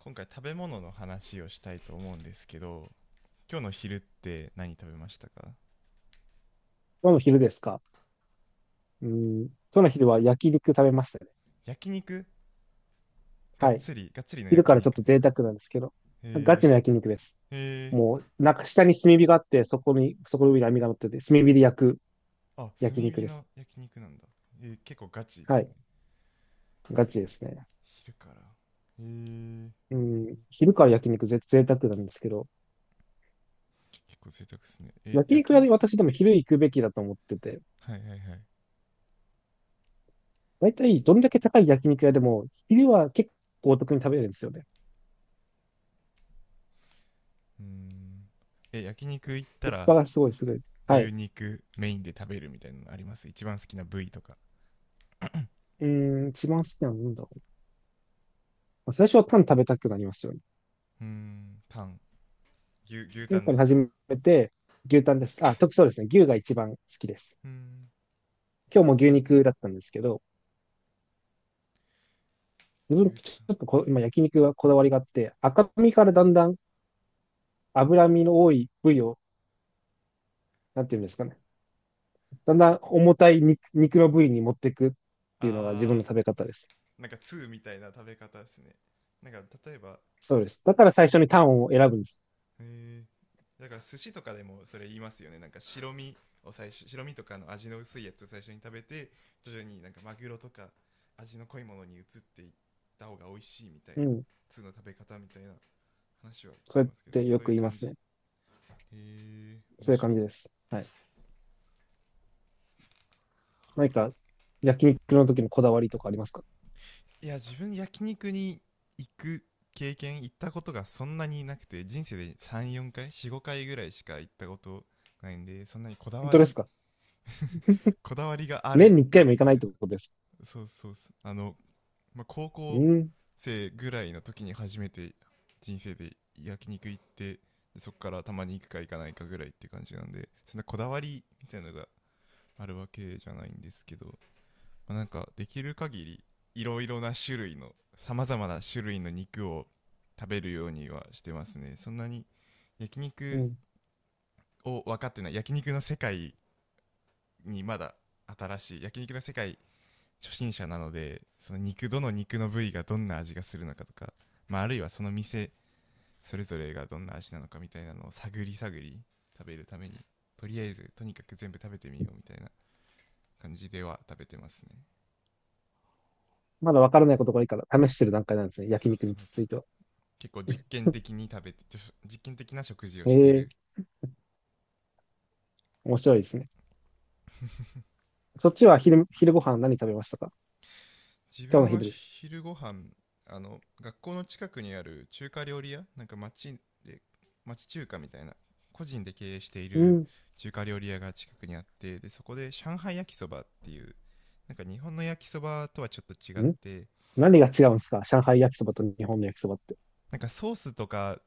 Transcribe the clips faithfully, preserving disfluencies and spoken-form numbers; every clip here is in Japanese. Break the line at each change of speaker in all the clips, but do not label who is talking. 今回食べ物の話をしたいと思うんですけど、今日の昼って何食べましたか？
今日の昼ですか？うん。今日の昼は焼肉食べましたね。
焼肉、が
は
っ
い。
つりがっつりの
昼
焼
からちょっ
肉
と
です
贅
か？
沢なんですけど。ガ
へ
チの焼肉です。
え、へえ。
もう、なんか下に炭火があって、そこに、そこの上に網が乗ってて、炭火で焼く
あ、炭
焼肉
火
です。
の焼肉なんだ。えー結構ガチで
は
すね。
い。ガチですね。
昼から。へえ。
うん。昼から焼肉ぜ、贅沢なんですけど、
結構贅沢ですねえ、
焼肉
焼
屋
肉。
で私でも昼行くべきだと思ってて、
はいはいはい。
大体どんだけ高い焼肉屋でも、昼は結構お得に食べれるんですよね。
うーん。え焼肉行った
コスパ
ら、
がすごいすごい。
どう
は
いう
い。
肉メインで食べるみたいなのあります？一番好きな部位とか？
うーん、一番好きなのなんだろう。まあ最初はパン食べたくなりますよね。
うーん、タン、牛牛
1
タ
年
ンで
間
すか？
始めて、牛タンです。あ、特そうですね。牛が一番好きです。
うーん、
今日も牛肉だったんですけど、自分、
牛
ち
タン。
ょっとこ、今焼肉はこだわりがあって、赤身からだんだん脂身の多い部位を、なんていうんですかね。だんだん重たい肉、肉の部位に持っていくっていうのが自分
あ
の食べ方です。
ー、なんかーみたいな食べ方ですね。なんか、例えば、
そうです。だから最初にタンを選ぶんです。
えーだから寿司とかでもそれ言いますよね。なんか白身を最初、白身とかの味の薄いやつを最初に食べて、徐々になんかマグロとか味の濃いものに移っていった方が美味しいみたい
う
な
ん。
ーの食べ方みたいな話は聞
そ
き
うやっ
ますけど、
てよ
そうい
く
う
言いま
感じ。
す
へ
ね。
え、面
そういう
白
感
い。
じです。はい。何か焼肉の時のこだわりとかありますか？
いや、自分焼肉に行く経験、行ったことがそんなになくて、人生でさんよんかい、よんごかいぐらいしか行ったことないんで、そんなにこだ
本
わ
当です
り
か？
こだわりがあ
年
る
に1
かっ
回も行か
て
ない
い
っ
う
て
と、
ことです。
そうそうそう、あの、まあ、高
う
校
ん。
生ぐらいの時に初めて人生で焼肉行って、でそこからたまに行くか行かないかぐらいって感じなんで、そんなこだわりみたいなのがあるわけじゃないんですけど、まあ、なんかできる限りいろいろな種類の、さまざまな種類の肉を食べるようにはしてますね。そんなに焼
う
肉
ん。
を分かってない、焼肉の世界にまだ、新しい焼肉の世界、初心者なので、その肉、どの肉の部位がどんな味がするのかとか、まあ、あるいはその店それぞれがどんな味なのかみたいなのを探り探り食べるために、とりあえずとにかく全部食べてみようみたいな感じでは食べてますね。
まだわからないことが多いから試してる段階なんですね。
そ
焼
う
肉に
そうそ
つ
う、
いては。
結構実験的に食べて、実験的な食事を
へ
してい
え、
る。
面白いですね。そっちは昼、昼ご飯何食べましたか？
自
今日の
分は
昼です。
昼ご飯、あの、学校の近くにある中華料理屋、なんか町で町中華みたいな、個人で経営してい
う
る
ん。
中華料理屋が近くにあって、でそこで上海焼きそばっていう、なんか日本の焼きそばとはちょっと違っ
ん
て、
何が違うんですか、上海焼きそばと日本の焼きそばって？
なんかソースとか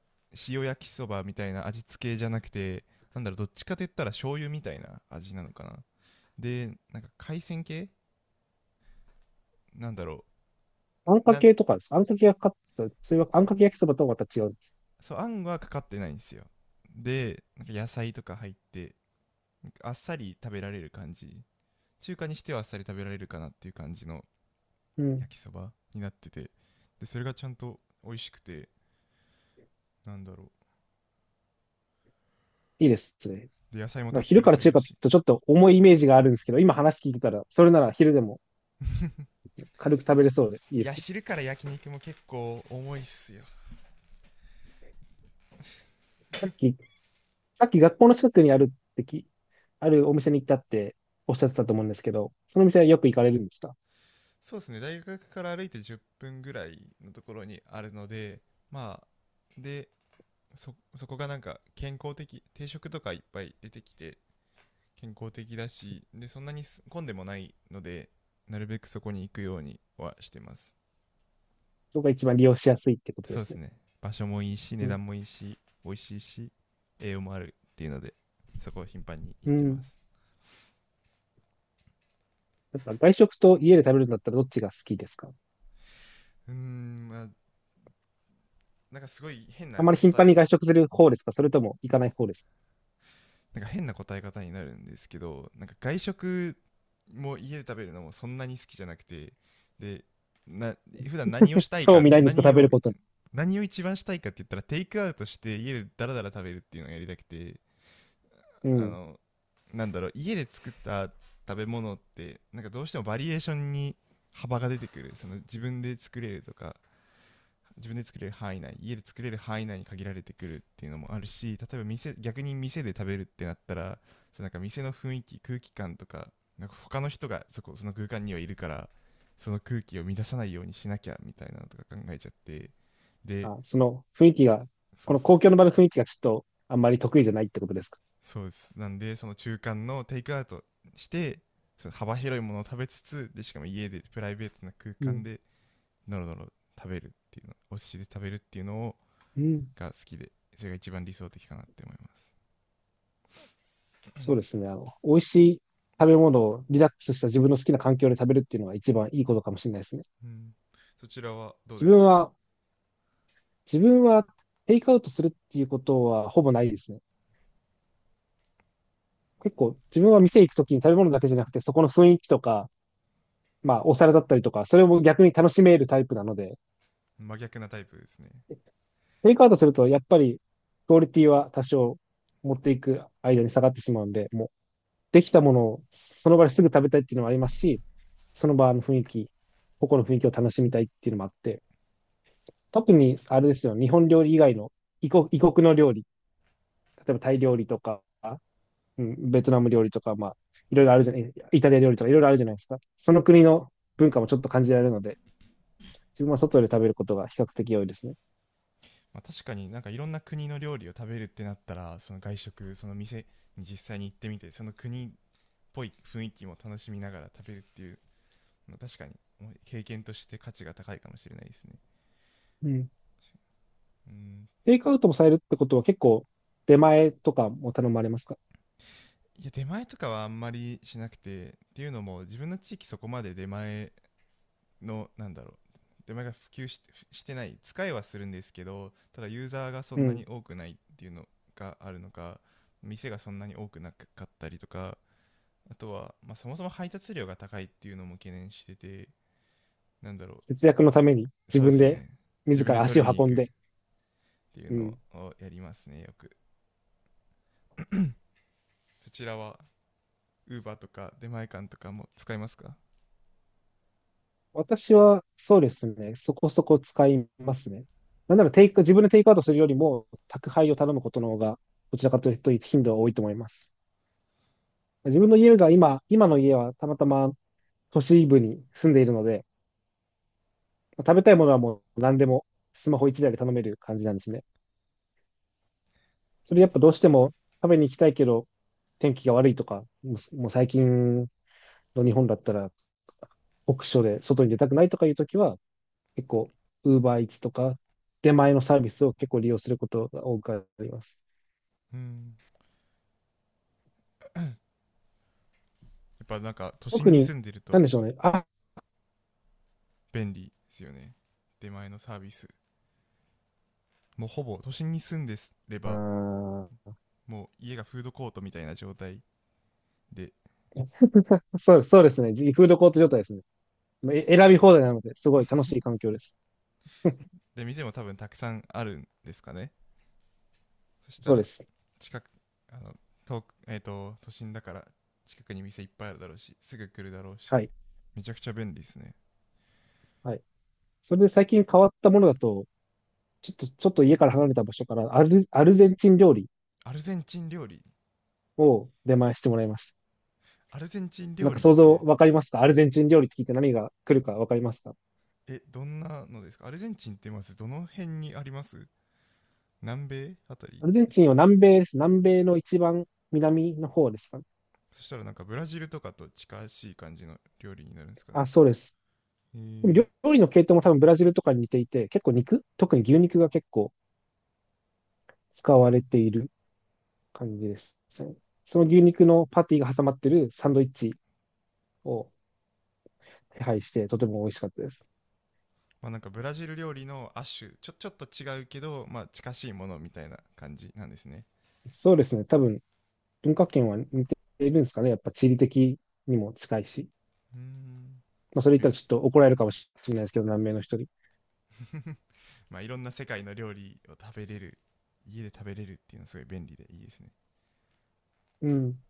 塩焼きそばみたいな味付けじゃなくて、なんだろう、どっちかといったら醤油みたいな味なのかな。でなんか海鮮系、なんだろ
あんか
うな。
けとかですか？あんかけがかかった、それはあんかけ焼きそばとはまた違うんです。
そう、あんはかかってないんですよ。でなんか野菜とか入って、あっさり食べられる感じ、中華にしてはあっさり食べられるかなっていう感じの
うん。
焼きそばになってて、でそれがちゃんと美味しくて、なんだろ
いいですね。
う、で野菜も
ま
た
あ
っぷ
昼
り
から
取れ
中
る
華って聞
し。
くとちょっと重いイメージがあるんですけど、今話聞いてたら、それなら昼でも軽く食べれそうでいい
い
で
や、
す。
昼から焼肉も結構重いっすよ。
さっきさっき学校の近くにあるってき、あるお店に行ったっておっしゃってたと思うんですけど、そのお店はよく行かれるんですか？
そうですね、大学から歩いてじゅっぷんぐらいのところにあるので、まあ、でそそこがなんか健康的定食とかいっぱい出てきて、健康的だし、でそんなにす混んでもないので、なるべくそこに行くようにはしてます。
そこが一番利用しやすいってことで
そうで
す
す
ね。
ね、場所もいいし、値
うん。
段もいいし、美味しいし、栄養もあるっていうので、そこを頻繁に行
う
ってま
ん。
す。
やっぱ外食と家で食べるんだったらどっちが好きですか？
うーん、まあ、なんかすごい変
あ
な
まり頻
答
繁
え、
に外食する方ですか？それとも行かない方です
なんか変な答え方になるんですけど、なんか外食も家で食べるのもそんなに好きじゃなくて、で、な普段何を
か？
したい
興
か、
味ないんですか、
何
食べ
を
ることに？
何を一番したいかって言ったらテイクアウトして家でダラダラ食べるっていうのをやりたくて、
う
あ
ん。
の、なんだろう、家で作った食べ物ってなんかどうしてもバリエーションに幅が出てくる、その、自分で作れるとか自分で作れる範囲内、家で作れる範囲内に限られてくるっていうのもあるし、例えば店、逆に店で食べるってなったら、その、なんか店の雰囲気、空気感とか、なんか他の人がそこ、その空間にはいるから、その空気を乱さないようにしなきゃみたいなのとか考えちゃって、で、
あ、その雰囲気が、
そ
こ
う
の
そう、
公共の場の雰囲気がちょっとあんまり得意じゃないってことですか？
そうです。なんで、その中間のテイクアウトして、その幅広いものを食べつつ、でしかも家でプライベートな空
う
間
ん。
でノロノロ食べるっていうの、お寿司で食べるっていうのを
うん。
が好きで、それが一番理想的かなって思います。
そうですね。あの、美味しい食べ物をリラックスした自分の好きな環境で食べるっていうのが一番いいことかもしれないですね。
うん、そちらはどう
自
で
分
すか？
は、自分はテイクアウトするっていうことはほぼないですね。結構自分は店行くときに食べ物だけじゃなくて、そこの雰囲気とか、まあお皿だったりとか、それを逆に楽しめるタイプなので、
真逆なタイプですね。
テイクアウトするとやっぱりクオリティは多少持っていく間に下がってしまうんで、もうできたものをその場ですぐ食べたいっていうのもありますし、その場の雰囲気、個々の雰囲気を楽しみたいっていうのもあって、特にあれですよ、日本料理以外の異国、異国の料理、例えばタイ料理とか、うん、ベトナム料理とか、まあ、いろいろあるじゃない、イタリア料理とかいろいろあるじゃないですか。その国の文化もちょっと感じられるので、自分は外で食べることが比較的多いですね。
まあ、確かに、なんかいろんな国の料理を食べるってなったら、その外食、その店に実際に行ってみて、その国っぽい雰囲気も楽しみながら食べるっていうのは、確かに経験として価値が高いかもしれないですね。
うん。
うん。
テイクアウトもされるってことは結構出前とかも頼まれますか？
いや、出前とかはあんまりしなくて、っていうのも自分の地域、そこまで出前の、なんだろう、出前が普及ししてない、使いはするんですけど、ただユーザーがそ
う
んなに
ん。
多くないっていうのがあるのか、店がそんなに多くなかったりとか、あとは、まあ、そもそも配達料が高いっていうのも懸念してて、なんだろ
節約のために
う。
自
そうで
分
す
で
ね、自
自
分で
ら
取
足
りに
を
行
運ん
く
で。
っていう
う
の
ん。
をやりますね、よく。そちらは Uber とか出前館とかも使いますか？
私は、そうですね。そこそこ使いますね。なんならテイク、自分でテイクアウトするよりも、宅配を頼むことの方が、どちらかというと頻度は多いと思います。自分の家が今、今の家はたまたま都市部に住んでいるので、食べたいものはもう何でもスマホ一台で頼める感じなんですね。それやっぱどうしても食べに行きたいけど、天気が悪いとか、もうもう最近の日本だったら、酷暑で外に出たくないとかいうときは、結構、ウーバーイーツとか、出前のサービスを結構利用することが多くあります。
うん、っぱなんか都心
特
に
に、
住んでる
な
と
んでしょうね。あ、
便利ですよね、出前のサービス。もうほぼ都心に住んでれば、
あ
もう家がフードコートみたいな状態で。
ーそう、そうですね。フードコート状態ですね。え選び放題なので、すごい楽しい 環境です。
で店も多分たくさんあるんですかね、そした
そうで
ら。
す。
近く、あの遠く、えっ、と都心だから、近くに店いっぱいあるだろうし、すぐ来るだろう
は
し、
い。
めちゃくちゃ便利ですね。
はい。それで最近変わったものだと、ちょっと、ちょっと家から離れた場所からアル、アルゼンチン料理
アルゼンチン料理、
を出前してもらいました。
アルゼンチン
な
料
んか
理っ
想像
て、
わかりますか？アルゼンチン料理って聞いて何が来るかわかりますか？
えどんなのですか？アルゼンチンってまずどの辺にあります？南米あた
ア
り
ルゼン
で
チ
し
ン
た
は
っけ？
南米です。南米の一番南の方ですかね？
そしたらなんかブラジルとかと近しい感じの料理になるんですかね。
あ、そうです。
へ
でも
え。
料料理の系統も多分ブラジルとかに似ていて、結構肉、特に牛肉が結構使われている感じですね。その牛肉のパティが挟まってるサンドイッチを手配して、とても美味しかったです。
まあ、なんかブラジル料理の亜種、ちょちょっと違うけど、まあ近しいものみたいな感じなんですね。
そうですね。多分文化圏は似ているんですかね。やっぱ地理的にも近いし。
うーん、
まあ、それ言っ
い
たら
ろ
ちょっと怒られるかもしれないですけど、南米の人に。
まあ、いろんな世界の料理を食べれる、家で食べれるっていうのはすごい便利でいいですね。
うん。